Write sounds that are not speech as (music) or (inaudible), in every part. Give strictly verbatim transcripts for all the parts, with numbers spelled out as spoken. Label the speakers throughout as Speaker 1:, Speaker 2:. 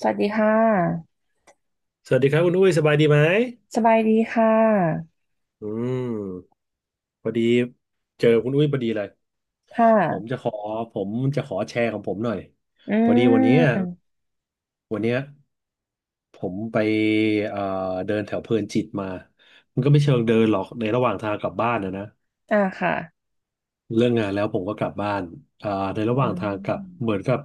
Speaker 1: สวัสดีค่ะ
Speaker 2: สวัสดีครับคุณอุ้ยสบายดีไหม
Speaker 1: สบายดีค่ะ
Speaker 2: อืมพอดีเจอคุณอุ้ยพอดีเลย
Speaker 1: ค
Speaker 2: ผม
Speaker 1: ่ะ
Speaker 2: จะขอผมจะขอแชร์ของผมหน่อย
Speaker 1: อื
Speaker 2: พอดีวันเนี้ย
Speaker 1: ม
Speaker 2: วันเนี้ยผมไปเอ่อเดินแถวเพลินจิตมา มันก็ไม่เชิงเดินหรอกในระหว่างทางกลับบ้านนะนะ
Speaker 1: อ่าค่ะ
Speaker 2: เลิกงานแล้วผมก็กลับบ้านอ่าในระห
Speaker 1: อื
Speaker 2: ว่างทางกลับ
Speaker 1: ม
Speaker 2: เหมือนกับ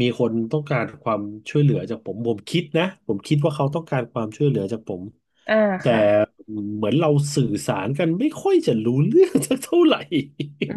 Speaker 2: มีคนต้องการความช่วยเหลือจากผมผมคิดนะผมคิดว่าเขาต้องการความช่วยเหลือจากผม
Speaker 1: อ่า
Speaker 2: แต่
Speaker 1: ค่ะ
Speaker 2: เหมือนเราสื่อสารกันไม่ค่อยจะรู้เรื่องสักเท่าไหร่
Speaker 1: อื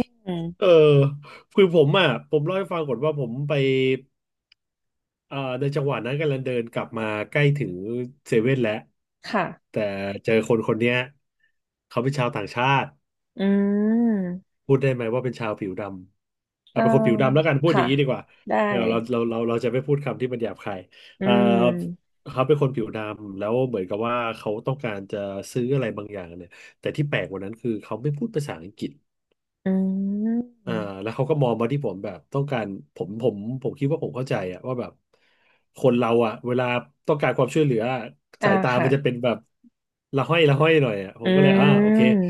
Speaker 1: ม
Speaker 2: (laughs) เออคือผมอ่ะผมเล่าให้ฟังก่อนว่าผมไปเอ่าในจังหวะนั้นกำลังเดินกลับมาใกล้ถึงเซเว่นแล้ว
Speaker 1: ค่ะ
Speaker 2: แต่เจอคนคนเนี้ยเขาเป็นชาวต่างชาติ
Speaker 1: อืม
Speaker 2: พูดได้ไหมว่าเป็นชาวผิวดำอ่ะ
Speaker 1: อ่า
Speaker 2: เป็นคนผิวดำแล้วกันพูดอ
Speaker 1: ค่ะ
Speaker 2: ย่างนี้ดีกว่า
Speaker 1: ได้
Speaker 2: เราเราเราเราเราจะไม่พูดคำที่มันหยาบคาย
Speaker 1: อื
Speaker 2: อ่า
Speaker 1: ม
Speaker 2: เขาเป็นคนผิวดำแล้วเหมือนกับว่าเขาต้องการจะซื้ออะไรบางอย่างเนี่ยแต่ที่แปลกกว่านั้นคือเขาไม่พูดภาษาอังกฤษ
Speaker 1: อืม
Speaker 2: อ่าแล้วเขาก็มองมาที่ผมแบบต้องการผมผมผมคิดว่าผมเข้าใจอะว่าแบบคนเราอะเวลาต้องการความช่วยเหลืออะ
Speaker 1: อ่า
Speaker 2: สายตา
Speaker 1: ค่ะ
Speaker 2: มันจะเป็นแบบละห้อยละห้อยหน่อยอะผ
Speaker 1: อื
Speaker 2: มก็เลยอ่าโอเค
Speaker 1: ม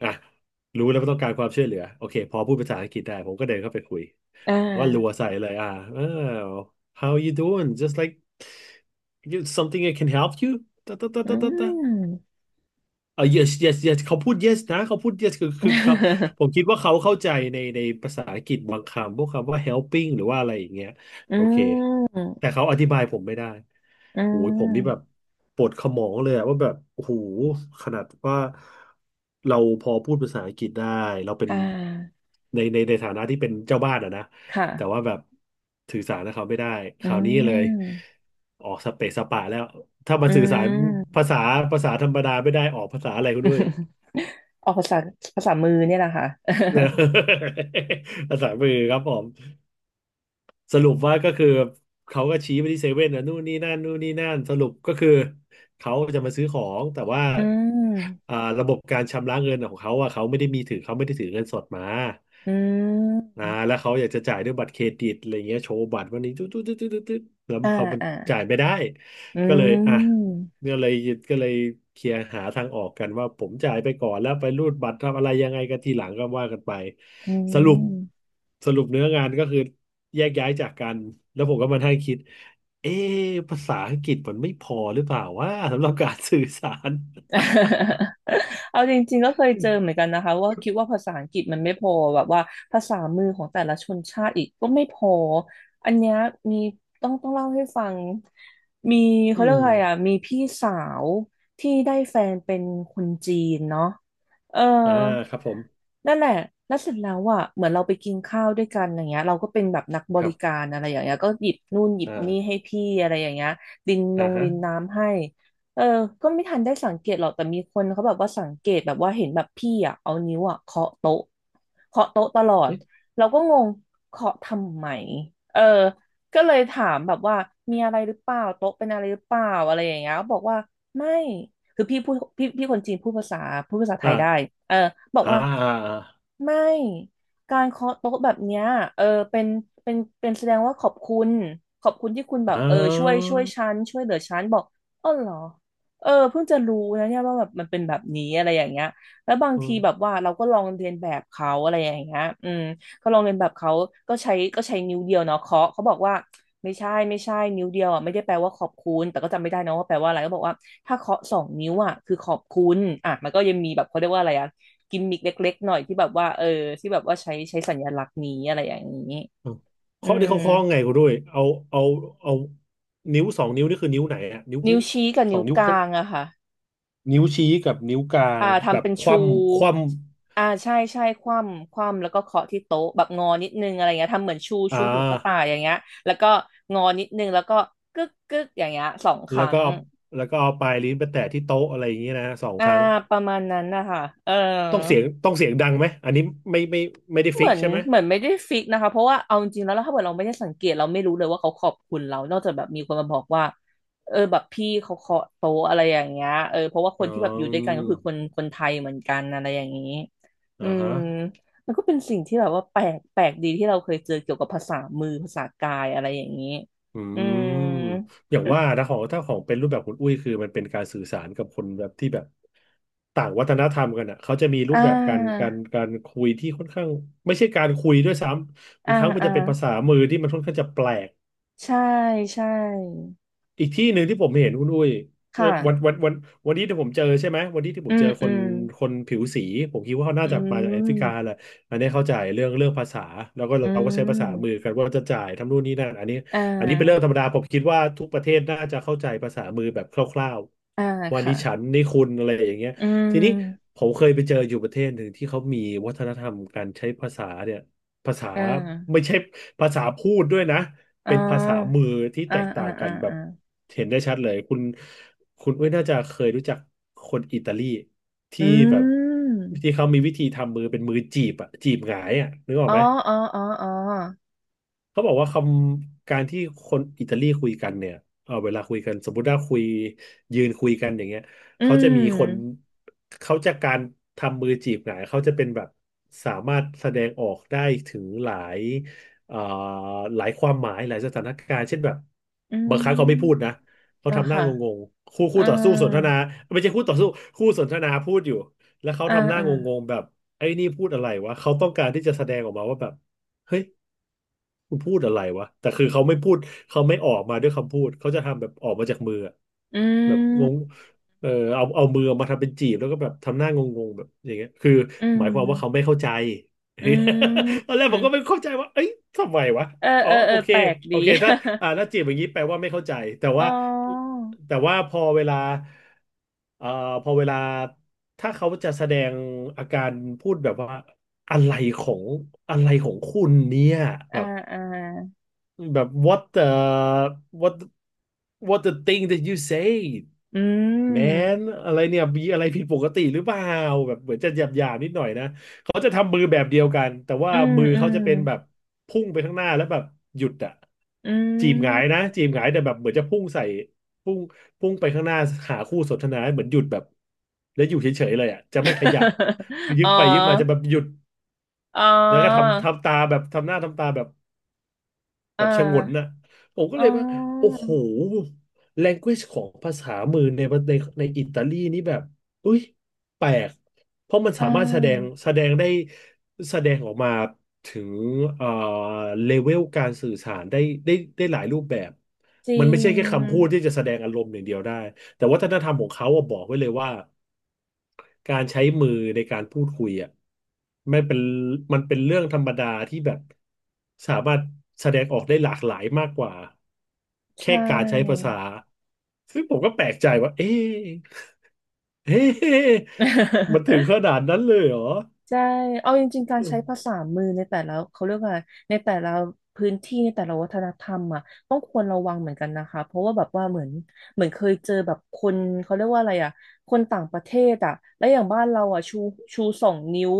Speaker 2: อ่ะรู้แล้วว่าต้องการความช่วยเหลือโอเคพอพูดภาษาอังกฤษได้ผมก็เดินเข้าไปคุย
Speaker 1: อ่
Speaker 2: ก็รัว
Speaker 1: า
Speaker 2: ใส่เลยอ่าเออ how you doing just like you something I can help you ตะตะตะ
Speaker 1: อื
Speaker 2: ตะตะ
Speaker 1: ม
Speaker 2: เออ yes yes yes เขาพูด yes นะ เขาพูด yes คือคือเขา
Speaker 1: (laughs)
Speaker 2: ผมคิดว่าเขาเข้าใจในในภาษาอังกฤษบางคำพวกคำว่า helping หรือว่าอะไรอย่างเงี้ย
Speaker 1: อื
Speaker 2: โอเค
Speaker 1: ม
Speaker 2: แต่เขาอธิบายผมไม่ได้
Speaker 1: อื
Speaker 2: โอ้ยผมนี่แบบ
Speaker 1: ม
Speaker 2: ปวดขมองเลยอะว่าแบบ โอ้โหขนาดว่าเราพอพูดภาษาอังกฤษได้ เราเป็น
Speaker 1: อ่า
Speaker 2: ในในในฐานะที่เป็นเจ้าบ้านอะนะ
Speaker 1: ค่ะ
Speaker 2: แต่ว่าแบบสื่อสารกับเขาไม่ได้ค
Speaker 1: อื
Speaker 2: ราวนี้เลย
Speaker 1: ม
Speaker 2: ออกสเปซสปะแล้วถ้ามั
Speaker 1: อื
Speaker 2: นสื่อสาร
Speaker 1: ม
Speaker 2: ภาษาภาษาธรรมดาไม่ได้ออกภาษาอะไรก็ด้วย
Speaker 1: (laughs) ออกภาษาภาษามือเนี่ยแหละค่ะ
Speaker 2: นะ (laughs) ภาษามือครับผม สรุปว่าก็คือเขาก็ชี้ไปที่เซเว่นนะนู่นนี่นั่นนู่นนี่นั่นสรุปก็คือเขาจะมาซื้อของแต่ว่า
Speaker 1: (laughs) อืม
Speaker 2: อ่าระบบการชำระเงินของเขาอ่ะเขาไม่ได้มีถือเขาไม่ได้ถือเงินสดมา
Speaker 1: อื
Speaker 2: อ่า
Speaker 1: ม
Speaker 2: แล้วเขาอยากจะจ่ายด้วยบัตรเครดิตอะไรเงี้ยโชว์บัตรวันนี้ตุ๊ดตุ๊ดตุ๊ดตุ๊ดตุ๊ดแล้ว
Speaker 1: อ่า
Speaker 2: เขามัน
Speaker 1: อ่า
Speaker 2: จ่ายไม่ได้
Speaker 1: อื
Speaker 2: ก็เลยอ่ะ
Speaker 1: ม
Speaker 2: ก็เลยก็เลยเคลียร์หาทางออกกันว่าผมจ่ายไปก่อนแล้วไปรูดบัตรทำอะไรยังไงกันทีหลังก็ว่ากันไป
Speaker 1: อื
Speaker 2: สรุป
Speaker 1: ม
Speaker 2: สรุปเนื้องานก็คือแยกย้ายจากกันแล้วผมก็มาให้คิดเอ๊ะภาษาอังกฤษมันไม่พอหรือเปล่าว่าสำหรับการสื่อสาร
Speaker 1: (laughs) เอาจริงๆก็เคยเจอเหมือนกันนะคะว่าคิดว่าภาษาอังกฤษมันไม่พอแบบว่าภาษามือของแต่ละชนชาติอีกก็ไม่พออันเนี้ยมีต้องต้องเล่าให้ฟังมี
Speaker 2: (laughs) อื
Speaker 1: เขาเรียก
Speaker 2: ม
Speaker 1: อะไร
Speaker 2: (laughs)
Speaker 1: อ่ะมีพี่สาวที่ได้แฟนเป็นคนจีนเนาะเออ
Speaker 2: อ่าครับผม
Speaker 1: นั่นแหละแล้วเสร็จแล้วอ่ะเหมือนเราไปกินข้าวด้วยกันอย่างเงี้ยเราก็เป็นแบบนักบ
Speaker 2: ครั
Speaker 1: ริกา
Speaker 2: บ
Speaker 1: รอะไรอย่างเงี้ยก็หยิบนู่นหยิบนี่
Speaker 2: อ่า
Speaker 1: ให้พี่อะไรอย่างเงี้ยดินน
Speaker 2: อ่า
Speaker 1: ง
Speaker 2: ฮะ
Speaker 1: รินน้ำให้ เออก็ไม่ทันได้สังเกตหรอกแต่มีคนเขาแบบว่าสังเกตแบบว่าเห็นแบบพี่อ่ะเอานิ้วอ่ะเคาะโต๊ะเคาะโต๊ะตลอด
Speaker 2: อืม
Speaker 1: เราก็งงเคาะทำไมเออก็เลยถามแบบว่ามีอะไรหรือเปล่าโต๊ะเป็นอะไรหรือเปล่าอะไรอย่างเงี้ยเขาบอกว่าไม่คือพี่พูดพี่พี่คนจีนพูดภาษาพูดภาษาไท
Speaker 2: อ่า
Speaker 1: ยได้เออบอก
Speaker 2: อ่า
Speaker 1: ว่า
Speaker 2: อ่าอ่า
Speaker 1: ไม่การเคาะโต๊ะแบบเนี้ยเออเป็นเป็นเป็นแสดงว่าขอบคุณขอบคุณที่คุณแบบเออช่วย
Speaker 2: อ
Speaker 1: ช่วยฉันช่วยเหลือฉันบอกอ๋อเหรอ เออเพิ่งจะรู้นะเนี่ยว่าแบบมันเป็นแบบนี้อะไรอย่างเงี้ยแล้วบางที
Speaker 2: ่า
Speaker 1: แบบว่าเราก็ลองเรียนแบบเขาอะไรอย่างเงี้ยอืมก็ลองเรียนแบบเขาก็ใช้ก็ใช้นิ้วเดียวเนาะเคาะเขาบอกว่าไม่ใช่ไม่ใช่นิ้วเดียวอ่ะไม่ได้แปลว่าขอบคุณแต่ก็จำไม่ได้นะว่าแปลว่าอะไรก็บอกว่าถ้าเคาะสองนิ้วอ่ะคือขอบคุณอ่ะมันก็ยังมีแบบเขาเรียกว่าอะไรอ่ะกิมมิกเล็กๆหน่อยที่แบบว่าเออที่แบบว่าใช้ใช้สัญลักษณ์นี้อะไรอย่างนี้
Speaker 2: อ่ะ
Speaker 1: อื
Speaker 2: เคาะที่
Speaker 1: ม
Speaker 2: เขาเคาะไงกูด้วยเอาเอาเอานิ้วสองนิ้วนี่คือนิ้วไหนอะนิ้ว
Speaker 1: นิ้วชี้กับ
Speaker 2: สอ
Speaker 1: นิ้
Speaker 2: ง
Speaker 1: ว
Speaker 2: นิ้ว
Speaker 1: ก
Speaker 2: ก็
Speaker 1: ลางอะค่ะ
Speaker 2: นิ้วชี้กับนิ้วกลาง
Speaker 1: อ่า
Speaker 2: แบ
Speaker 1: ทำ
Speaker 2: บ
Speaker 1: เป็น
Speaker 2: ค
Speaker 1: ชู
Speaker 2: ว่ำคว่
Speaker 1: อ่าใช่ใช่คว่ำคว่ำแล้วก็เคาะที่โต๊ะแบบงอนิดนึงอะไรเงี้ยทำเหมือนชู
Speaker 2: ำอ่า
Speaker 1: ชูหูกระต่ายอย่างเงี้ยแล้วก็งอนิดนึงแล้วก็กึกกึกอย่างเงี้ยสองค
Speaker 2: แล้ว
Speaker 1: รั้
Speaker 2: ก็
Speaker 1: ง
Speaker 2: เอาแล้วก็เอาปลายลิ้นไปแตะที่โต๊ะอะไรอย่างเงี้ยนะสอง
Speaker 1: อ่า
Speaker 2: ครั้ง
Speaker 1: ประมาณนั้นนะคะเออ
Speaker 2: ต้องเสียงต้องเสียงดังไหมอันนี้ไม่ไม่ไม่ได้
Speaker 1: เห
Speaker 2: ฟิ
Speaker 1: มื
Speaker 2: ก
Speaker 1: อน
Speaker 2: ใช่ไหม
Speaker 1: เหมือนไม่ได้ฟิกนะคะเพราะว่าเอาจริงๆแล้วถ้าเกิดเราไม่ได้สังเกตเราไม่รู้เลยว่าเขาขอบคุณเรานอกจากแบบมีคนมาบอกว่าเออแบบพี่เขาเคาะโต๊ะอะไรอย่างเงี้ยเออเพราะว่าค
Speaker 2: อ๋
Speaker 1: นที่แบบอยู่ด้วยกัน
Speaker 2: อ
Speaker 1: ก็คือคนคนไทยเหมือนกันอะไรอย่างนี้อื
Speaker 2: อ่า
Speaker 1: ม
Speaker 2: ฮะ
Speaker 1: มันก็เป็นสิ่งที่แบบว่าแปลกแปลกดีที่เราเคยเจอเกี่ยวกับภาษามือภาษากายอะไรอย่างนี้
Speaker 2: อื
Speaker 1: อืม
Speaker 2: มอย่างว่านะของถ้าของเป็นรูปแบบคุณอุ้ยคือมันเป็นการสื่อสารกับคนแบบที่แบบต่างวัฒนธรรมกันอ่ะเขาจะมีรู
Speaker 1: อ่
Speaker 2: ปแบบการกา
Speaker 1: า
Speaker 2: รการคุยที่ค่อนข้างไม่ใช่การคุยด้วยซ้ำบา
Speaker 1: อ่า
Speaker 2: งครั้งมัน
Speaker 1: อ่า
Speaker 2: จะเป็นภาษามือที่มันค่อนข้างจะแปลก
Speaker 1: ใช่ใช่
Speaker 2: อีกที่หนึ่งที่ผมเห็นคุณอุ้ยเอ่อ
Speaker 1: ค่ะ
Speaker 2: วันวันวันวันนี้ที่ผมเจอใช่ไหมวันนี้ที่ผ
Speaker 1: อื
Speaker 2: มเจ
Speaker 1: ม
Speaker 2: อค
Speaker 1: อื
Speaker 2: น
Speaker 1: ม
Speaker 2: คนผิวสีผมคิดว่าเขาน่า
Speaker 1: อื
Speaker 2: จะมาจากแอฟริกา
Speaker 1: ม
Speaker 2: แหละอันนี้เข้าใจเรื่องเรื่องภาษาแล้วก็
Speaker 1: อื
Speaker 2: เราก็ใช้ภาษามือ
Speaker 1: ม
Speaker 2: กันว่าจะจ่ายทำนู่นนี่นั่นอันนี้
Speaker 1: อ่
Speaker 2: อันนี้เป็นเรื่อง
Speaker 1: า
Speaker 2: ธรรมดาผมคิดว่าทุกประเทศน่าจะเข้าใจภาษามือแบบคร่าว
Speaker 1: อ่า
Speaker 2: ๆว่า
Speaker 1: ค่ะ
Speaker 2: นี่ฉันนี่คุณอะไรอย่างเงี้ย
Speaker 1: อื
Speaker 2: ทีนี้
Speaker 1: ม
Speaker 2: ผมเคยไปเจออยู่ประเทศหนึ่งที่เขามีวัฒนธรรมการใช้ภาษาเนี่ยภาษา
Speaker 1: อ่
Speaker 2: ไม่
Speaker 1: า
Speaker 2: ใช่ภาษาพูดด้วยนะ
Speaker 1: อ๋อ
Speaker 2: เป็นภาษามือที่
Speaker 1: อ่า
Speaker 2: แตก
Speaker 1: อ่า
Speaker 2: ต่างกั
Speaker 1: อ่า
Speaker 2: นแบ
Speaker 1: อ่า
Speaker 2: บเห็นได้ชัดเลยคุณคุณอุ้ยน่าจะเคยรู้จักคนอิตาลี
Speaker 1: อื
Speaker 2: ที่แบบ
Speaker 1: ม
Speaker 2: ที่เขามีวิธีทำมือเป็นมือจีบอะจีบหงายอะนึกออก
Speaker 1: อ๋อ
Speaker 2: ไหม
Speaker 1: อ๋ออ๋ออ๋อ
Speaker 2: เขาบอกว่าคำการที่คนอิตาลีคุยกันเนี่ยเออเวลาคุยกันสมมติว่าคุยยืนคุยกันอย่างเงี้ย
Speaker 1: อื
Speaker 2: เขาจะมีคน
Speaker 1: ม
Speaker 2: เขาจะกการทำมือจีบหงายเขาจะเป็นแบบสามารถแสดงออกได้ถึงหลายเอ่อหลายความหมายหลายสถานการณ์เช่นแบบบางครั้งเขาไม่พูดนะเขา
Speaker 1: อ่า
Speaker 2: ทำหน้า
Speaker 1: ค่ะ
Speaker 2: งงๆคู่คู่
Speaker 1: อ่า
Speaker 2: ต่อสู้สนทนาไม่ใช่คู่ต่อสู้คู่สนทนาพูดอยู่แล้วเขา
Speaker 1: อ่า
Speaker 2: ทำหน้า
Speaker 1: อ่า
Speaker 2: งงๆแบบไอ้นี่พูดอะไรวะเขาต้องการที่จะแสดงออกมาว่าแบบเฮ้ย กูพูดอะไรวะแต่คือเขาไม่พูดเขาไม่ออกมาด้วยคำพูดเขาจะทำแบบออกมาจากมืออะแบบงงเออเอาเอามือออกมาทำเป็นจีบแล้วก็แบบทำหน้างงๆแบบอย่างเงี้ยคือ
Speaker 1: อื
Speaker 2: หมายความว่าเขาไม่
Speaker 1: ม
Speaker 2: เข้าใจ
Speaker 1: อื
Speaker 2: (laughs) ตอ
Speaker 1: ม
Speaker 2: นแรกผมก็ไม่เข้าใจว่าเอ้ยทำไมวะ
Speaker 1: เออ
Speaker 2: อ๋อ
Speaker 1: เออเอ
Speaker 2: โอ
Speaker 1: อ
Speaker 2: เค
Speaker 1: แปลก
Speaker 2: โอ
Speaker 1: ดี
Speaker 2: เคถ้าอ่าถ้าจีบอย่างนี้แปลว่าไม่เข้าใจแต่
Speaker 1: (laughs) อ๋อ
Speaker 2: ว่าแต่ว่าพอเวลาเอ่อพอเวลาถ้าเขาจะแสดงอาการพูดแบบว่าอะไรของอะไรของคุณเนี่ย
Speaker 1: อ่า
Speaker 2: แบบ
Speaker 1: อ่า
Speaker 2: แบบ what the what what the thing that you say
Speaker 1: อื
Speaker 2: man
Speaker 1: ม
Speaker 2: อะไรเนี่ยมีอะไรผิดปกติหรือเปล่าแบบเหมือนจะหยาบหยาบนิดหน่อยนะเขาจะทำมือแบบเดียวกันแต่ว่า
Speaker 1: อืม
Speaker 2: มือ
Speaker 1: อื
Speaker 2: เขา
Speaker 1: ม
Speaker 2: จะเป็นแบบพุ่งไปข้างหน้าแล้วแบบหยุดอะ
Speaker 1: อื
Speaker 2: จีบหงา
Speaker 1: ม
Speaker 2: ยนะจีบหงายแต่แบบเหมือนจะพุ่งใส่พุ่งพุ่งไปข้างหน้าหาคู่สนทนาเหมือนหยุดแบบแล้วอยู่เฉยๆเลยอะจะไม่ขยับคือ
Speaker 1: (laughs)
Speaker 2: ยึ
Speaker 1: อ๋อ
Speaker 2: กไปยึกมาจะแบบหยุด
Speaker 1: อ๋อ
Speaker 2: แล้วก็ทำทำตาแบบทำหน้าทำตาแบบ
Speaker 1: อ่
Speaker 2: แบบชะงนน่ะ
Speaker 1: า
Speaker 2: ผมก็
Speaker 1: อ๋
Speaker 2: เลยว่าโอ้
Speaker 1: อ
Speaker 2: โห language ของภาษามือในในในอิตาลีนี่แบบอุ้ยแปลกเพราะมัน
Speaker 1: อ่
Speaker 2: สามารถแสดง
Speaker 1: า
Speaker 2: แสดงได้แสดงออกมาถึงเอ่อเลเวลการสื่อสารได้ได้ได้หลายรูปแบบ
Speaker 1: จริ
Speaker 2: มันไม่ใช่แค่คำพูด
Speaker 1: ง
Speaker 2: ที่จะแสดงอารมณ์อย่างเดียวได้แต่วัฒนธรรมของเขาอะบอกไว้เลยว่า การใช้มือในการพูดคุยอ่ะไม่เป็นมันเป็นเรื่องธรรมดาที่แบบสามารถแสดงออกได้หลากหลายมากกว่า
Speaker 1: ใช
Speaker 2: แค่การใช้ภา
Speaker 1: ่
Speaker 2: ษาซึ่งผมก็แปลกใจว่าเอ๊ะ (laughs) เอ๊ะมันถึง
Speaker 1: (laughs)
Speaker 2: ขนาดนั้นเลยเหรอ
Speaker 1: ใช่เอาจริงๆการใช้ภาษามือในแต่ละเขาเรียกว่าอะไรในแต่ละพื้นที่ในแต่ละวัฒนธรรมอ่ะต้องควรระวังเหมือนกันนะคะเพราะว่าแบบว่าเหมือนเหมือนเคยเจอแบบคนเขาเรียกว่าอะไรอ่ะคนต่างประเทศอ่ะและอย่างบ้านเราอ่ะชูชูสองนิ้ว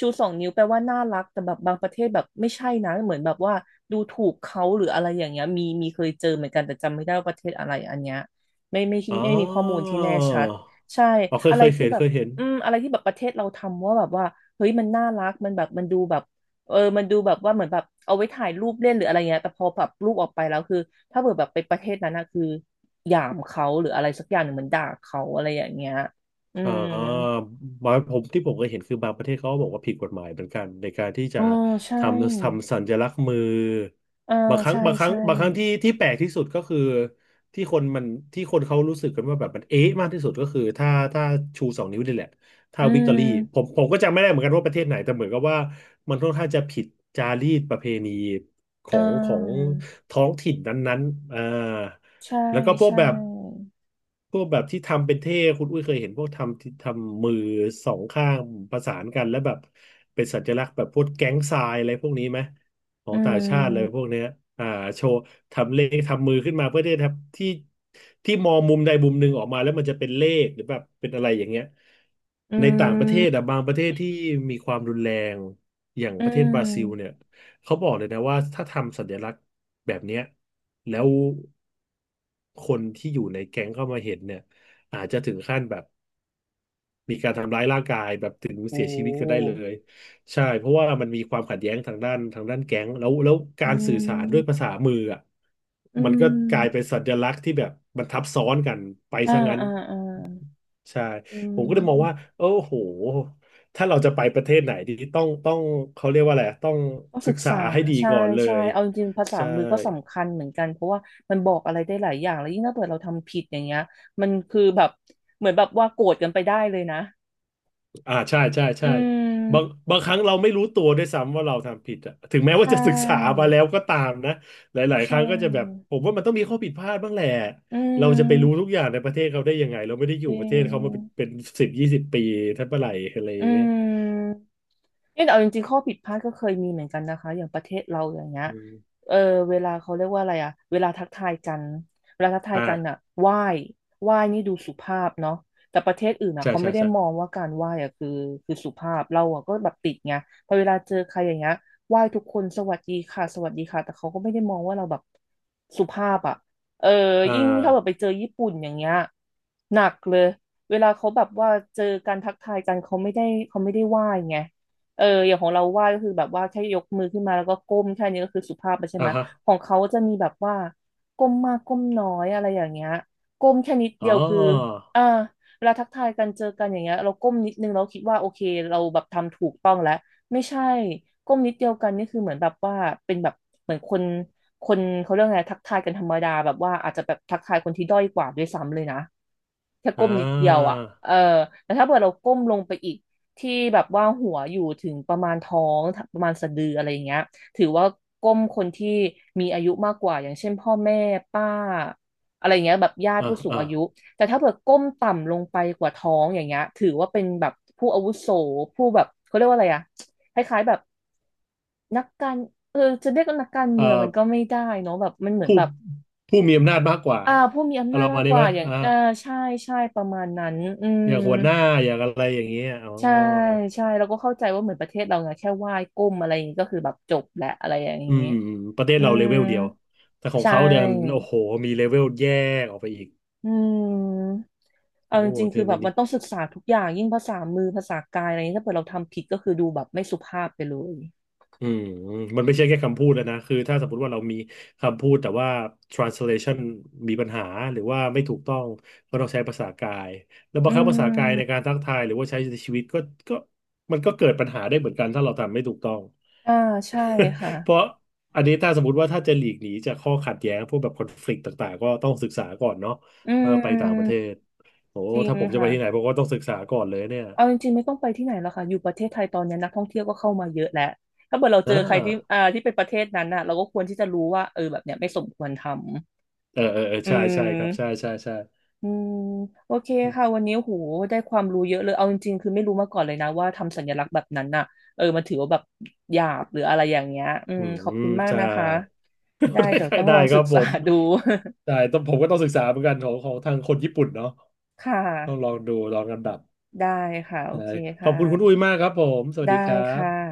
Speaker 1: ชูสองนิ้วแปลว่าน่ารักแต่แบบบางประเทศแบบไม่ใช่นะเหมือนแบบว่าดูถูกเขาหรืออะไรอย่างเงี้ยมีมีเคยเจอเหมือนกันแต่จำไม่ได้ว่าประเทศอะไรอันเนี้ยไม่ไม่
Speaker 2: อ๋อ
Speaker 1: ไม่ไมมีข้อมูลที่แน่ชัดใช่
Speaker 2: อ๋อเคย
Speaker 1: อะไร
Speaker 2: เคย
Speaker 1: ที่
Speaker 2: เห็น
Speaker 1: แบ
Speaker 2: เค
Speaker 1: บ
Speaker 2: ยเห็น
Speaker 1: อืมอะไรที่แบบประเทศเราทำว่าแบบว่าเฮ้ยมันน่ารักมันแบบมันดูแบบเออมันดูแบบว่าเหมือนแบบเอาไว้ถ่ายรูปเล่นหรืออะไรเงี้ยแต่พอแบบรูปออกไปแล้วคือถ้าเกิดแบบไปประเทศนั้นนะคือหยามเขาหรืออะไรสักอย่างหนึ่งเหมือนด่าเขาอะไรอย่างเงี้ยอื
Speaker 2: อ่
Speaker 1: ม
Speaker 2: าบางผมที่ผมเคยเห็นคือบางประเทศเขาก็บอกว่าผิดกฎหมายเหมือนกันในการที่จะ
Speaker 1: อ๋อใช่
Speaker 2: ทำทำสัญลักษณ์มือ
Speaker 1: อ่า
Speaker 2: บางครั้ง
Speaker 1: ใช่
Speaker 2: บางครั้ง
Speaker 1: ใช่
Speaker 2: บางครั้งที่ที่แปลกที่สุดก็คือที่คนมันที่คนเขารู้สึกกันว่าแบบมันเอ๊ะมากที่สุดก็คือถ้าถ้าชูสองนิ้วนี่แหละถ้า
Speaker 1: อื
Speaker 2: วิกตอ
Speaker 1: ม
Speaker 2: รี่ผมผมก็จำไม่ได้เหมือนกันว่าประเทศไหนแต่เหมือนกับว่ามันค่อนข้างจะผิดจารีตประเพณีข
Speaker 1: อ่
Speaker 2: องของ
Speaker 1: า
Speaker 2: ท้องถิ่นนั้นๆอ่า
Speaker 1: ใช่
Speaker 2: แล้วก็พวก
Speaker 1: ใช่
Speaker 2: แบบพวกแบบที่ทำเป็นเท่คุณอุ้ยเคยเห็นพวกทำที่ทำมือสองข้างประสานกันแล้วแบบเป็นสัญลักษณ์แบบพวกแก๊งทรายอะไรพวกนี้ไหมขอ
Speaker 1: อื
Speaker 2: งต่างชาติอะไรพ
Speaker 1: ม
Speaker 2: วกเนี้ยอ่าโชว์ทำเลขทำมือขึ้นมาเพื่อที่จะทำที่ที่มองมุมใดมุมหนึ่งออกมาแล้วมันจะเป็นเลขหรือแบบเป็นอะไรอย่างเงี้ย
Speaker 1: อื
Speaker 2: ในต่างประเท
Speaker 1: ม
Speaker 2: ศอะบางประเทศที่มีความรุนแรงอย่าง
Speaker 1: อื
Speaker 2: ประเทศบราซิลเนี่ย
Speaker 1: ม
Speaker 2: เขาบอกเลยนะว่าถ้าทำสัญลักษณ์แบบเนี้ยแล้วคนที่อยู่ในแก๊งเข้ามาเห็นเนี่ยอาจจะถึงขั้นแบบมีการทำร้ายร่างกายแบบถึง
Speaker 1: โอ้
Speaker 2: เสียชีวิตก็ได้เลยใช่เพราะว่ามันมีความขัดแย้งทางด้านทางด้านแก๊งแล้วแล้วกา
Speaker 1: อื
Speaker 2: รสื่อสารด้วยภา
Speaker 1: ม
Speaker 2: ษามืออ่ะ
Speaker 1: อื
Speaker 2: มันก็กลายเป็น
Speaker 1: ม
Speaker 2: สัญลักษณ์ที่แบบมันทับซ้อนกันไป
Speaker 1: อ่า
Speaker 2: ซะงั้น
Speaker 1: อ่าอ่า
Speaker 2: ใช่
Speaker 1: อื
Speaker 2: ผมก็เลยมองว่า
Speaker 1: ม
Speaker 2: โอ้โห ถ้าเราจะไปประเทศไหนดีต้องต้องเขาเรียกว่าอะไรอะต้อง
Speaker 1: ก็
Speaker 2: ศึ
Speaker 1: ศึ
Speaker 2: ก
Speaker 1: ก
Speaker 2: ษา
Speaker 1: ษา
Speaker 2: ให้ดี
Speaker 1: ใช่
Speaker 2: ก่อนเล
Speaker 1: ใช่
Speaker 2: ย
Speaker 1: เอาจริงๆภาษา
Speaker 2: ใช่
Speaker 1: มือก็สำคัญเหมือนกันเพราะว่ามันบอกอะไรได้หลายอย่างแล้วยิ่งถ้าเกิดเราทำผิดอย่างเงี้ยมันคือแบบเหมือนแบบว่าโกรธกันไปได้เลยนะ
Speaker 2: อ่าใช่ใช่
Speaker 1: อื
Speaker 2: ใช่บาง
Speaker 1: ม
Speaker 2: บางครั้งเราไม่รู้ตัวด้วยซ้ำว่าเราทำผิดอะถึงแม้
Speaker 1: ใช
Speaker 2: ว่าจะศึกษา
Speaker 1: ่
Speaker 2: มาแล้วก็ตามนะหลาย
Speaker 1: ใช
Speaker 2: ๆครั้งก็จะแบบ
Speaker 1: ่
Speaker 2: ผมว่ามันต้องมีข้อผิดพลาดบ้างแหละ
Speaker 1: อื
Speaker 2: เราจะไปรู้
Speaker 1: ม
Speaker 2: ทุกอย่างในประเทศเขาได้ยังไงเราไม่ได้อ
Speaker 1: จ
Speaker 2: ยู่ป
Speaker 1: ริ
Speaker 2: ระเท
Speaker 1: ง
Speaker 2: ศเขามาเป็นเป็นสิบยี่สิบปีทั้งเมื่อไหร่อะไรอ
Speaker 1: อื
Speaker 2: ย่างเงี้ย
Speaker 1: ม เนี่ยแต่เอาจริงๆข้อผิดพลาดก็เคยมีเหมือนกันนะคะอย่างประเทศเราอย่างเงี้ย
Speaker 2: อืม
Speaker 1: เออเวลาเขาเรียกว่าอะไรอะเวลาทักทายกันเวลาทักทายกันอะ
Speaker 2: อ่า
Speaker 1: ไหว้ไหว้นี่ดูสุภาพเนาะแต่ประเทศอื่นอะ
Speaker 2: ใช่
Speaker 1: เขา
Speaker 2: ใช่
Speaker 1: ไม่ได้มอ
Speaker 2: ใช่
Speaker 1: งว่าการไหว้อะคือคือสุภาพเราอะก็แบบติดไงพอเวลาเจอใครอย่างเงี้ยไหว้ทุกคนสวัสดีค่ะสวัสดีค่ะแต่เขาก็ไม่ได้มองว่าเราแบบสุภาพอะเออ
Speaker 2: อ่า
Speaker 1: ยิ่งถ้าแบบไปเจอญี่ปุ่นอย่างเงี้ยหนักเลยเวลาเขาแบบว่าเจอการทักทายกันเขาไม่ได้เขาไม่ได้ไหว้ไง เอออย่างของเราไหว้ก็คือแบบว่าแค่ยกมือขึ้นมาแล้วก็ก้มแค่นี้ก็คือสุภาพแล้วใช่ไห
Speaker 2: อ่า
Speaker 1: ม
Speaker 2: ฮะ
Speaker 1: ของเขาจะมีแบบว่าก้มมากก้มน้อยอะไรอย่างเงี้ยก้มแค่นิด
Speaker 2: อ๋
Speaker 1: เดี
Speaker 2: อ
Speaker 1: ยวคืออ่าเวลาทักทายกันเจอกันอย่างเงี้ยเราก้มนิดนึงเราคิดว่าโอเคเราแบบทำถูกต้องแล้วไม่ใช่ก้มนิดเดียวกันนี่คือเหมือนแบบว่าเป็นแบบเหมือนคนคนเขาเรียกไงทักทายกันธรรมดาแบบว่าอาจจะแบบทักทายคนที่ด้อยกว่าด้วยซ้ำเลยนะ แค่
Speaker 2: อ่
Speaker 1: ก้มนิดเดียว
Speaker 2: า
Speaker 1: อ่ะเออแต่ถ้าเกิดเราก้มลงไปอีกที่แบบว่าหัวอยู่ถึงประมาณท้องประมาณสะดืออะไรอย่างเงี้ยถือว่าก้มคนที่มีอายุมากกว่าอย่างเช่นพ่อแม่ป้าอะไรอย่างเงี้ยแบบญาติ
Speaker 2: อ่า
Speaker 1: ผู้สูง
Speaker 2: อ่า
Speaker 1: อายุ แต่ถ้าเกิดก้มต่ำลงไปกว่าท้องอย่างเงี้ยถือว่าเป็นแบบผู้อาวุโสผู้แบบเขาเรียกว่าอะไรอ่ะคล้ายๆแบบนักการเออจะเรียกว่านักการ
Speaker 2: เอ่
Speaker 1: เมือง
Speaker 2: อ
Speaker 1: มันก็ไม่ได้เนาะแบบมันเหมือน
Speaker 2: ผู้
Speaker 1: แบบ
Speaker 2: ผู้มีอำนาจมากกว่า
Speaker 1: อ่าผู้มีอำ
Speaker 2: อา
Speaker 1: นา
Speaker 2: ร
Speaker 1: จ
Speaker 2: มณ์
Speaker 1: มา
Speaker 2: มาณ
Speaker 1: กก
Speaker 2: นี้ไหม
Speaker 1: ว่าอย่าง
Speaker 2: อ่า
Speaker 1: อ่าใช่ใช่ประมาณนั้นอืม
Speaker 2: อย่างหัวหน้าอย่างอะไรอย่างเงี้ยอ๋อ
Speaker 1: ใช่ใช่เราก็เข้าใจว่าเหมือนประเทศเราไงแค่ไหว้ก้มอะไรอย่างนี้ก็คือแบบจบแหละอะไรอย่าง
Speaker 2: อื
Speaker 1: นี้
Speaker 2: มประเทศ
Speaker 1: อื
Speaker 2: เราเล
Speaker 1: ม
Speaker 2: เวลเดียวแต่ของ
Speaker 1: ใช่
Speaker 2: เขาเดี๋ยโอ้โหมีเลเวลแยกออกไปอีก
Speaker 1: อืมเอา
Speaker 2: โอ้
Speaker 1: จ
Speaker 2: โห
Speaker 1: ริงๆคื
Speaker 2: เรื่อ
Speaker 1: อ
Speaker 2: ง
Speaker 1: แบ
Speaker 2: นี้
Speaker 1: บมั
Speaker 2: นี่
Speaker 1: นต้องศึกษาทุกอย่างยิ่งภาษามือภาษากายอะไรนี้ถ้าเกิดเราทำผิดก็คือดูแบบไม่สุภาพไปเลย
Speaker 2: อืมมันไม่ใช่แค่คำพูดแล้วนะคือถ้าสมมติว่าเรามีคำพูดแต่ว่า translation มีปัญหาหรือว่าไม่ถูกต้องก็ต้องใช้ภาษากายแล้วบา
Speaker 1: อื
Speaker 2: งครั้งภาษากายในการ
Speaker 1: ม
Speaker 2: ทักทายหรือว่าใช้ในชีวิตก็ก็มันก็เกิดปัญหาได้เหมือนกันถ้าเราทำไม่ถูกต้อง
Speaker 1: อ่าใช่ค่ะ
Speaker 2: (laughs) เพราะอันนี้ถ้าสมมติว่าถ้าจะหลีกหนีจากข้อขัดแย้งพวกแบบคอนฟ lict ต่างๆก็ต้องศึกษาก่อนเนาะ
Speaker 1: อื
Speaker 2: เมื่อไปต่างประเท
Speaker 1: ม
Speaker 2: ศโอ้
Speaker 1: จริง
Speaker 2: ถ้าผมจะไป
Speaker 1: ค่ะ
Speaker 2: ที่ไหนผมก็ต้องศึกษาก่อนเลยเนี่ย
Speaker 1: เอาจริงๆไม่ต้องไปที่ไหนแล้วค่ะอยู่ประเทศไทยตอนนี้นักท่องเที่ยวก็เข้ามาเยอะแล้วถ้าเกิดเรา
Speaker 2: อ่
Speaker 1: เจอใครที่
Speaker 2: า
Speaker 1: อ่าที่เป็นประเทศนั้นน่ะเราก็ควรที่จะรู้ว่าเออแบบเนี้ยไม่สมควรทำ
Speaker 2: เออเออเออ
Speaker 1: อื
Speaker 2: ใช่ใช่ครับใช่
Speaker 1: ม
Speaker 2: ใช่ใช่
Speaker 1: อืมโอเคค่ะ วันนี้โหได้ความรู้เยอะเลย เอาจริงๆ คือไม่รู้มาก่อนเลยนะว่าทำสัญลักษณ์แบบนั้นน่ะ เออมันถือว่าแบบหยาบหรืออะไรอย่างเงี้ย อื
Speaker 2: อื
Speaker 1: ม ขอบ
Speaker 2: ม
Speaker 1: คุณมาก
Speaker 2: ใช่
Speaker 1: นะคะ
Speaker 2: (laughs)
Speaker 1: ได้
Speaker 2: ได้
Speaker 1: เดี๋ย
Speaker 2: ใค
Speaker 1: ว
Speaker 2: ร
Speaker 1: ต้อง
Speaker 2: ได้
Speaker 1: ลอง
Speaker 2: ค
Speaker 1: ศึ
Speaker 2: รั
Speaker 1: ก
Speaker 2: บผ
Speaker 1: ษา
Speaker 2: ม
Speaker 1: ดู
Speaker 2: ได้ต้องผมก็ต้องศึกษาเหมือนกันของของทางคนญี่ปุ่นเนาะ
Speaker 1: (laughs) ค่
Speaker 2: ต้องล
Speaker 1: ะ
Speaker 2: องดูลองลำดับ
Speaker 1: ได้ค่ะ โอ
Speaker 2: ใช่
Speaker 1: เค
Speaker 2: ขอบ
Speaker 1: ค่ะ
Speaker 2: คุณคุณอุ้ยมากครับผมสวัส
Speaker 1: ได้
Speaker 2: ดีครั
Speaker 1: ค่ะ
Speaker 2: บ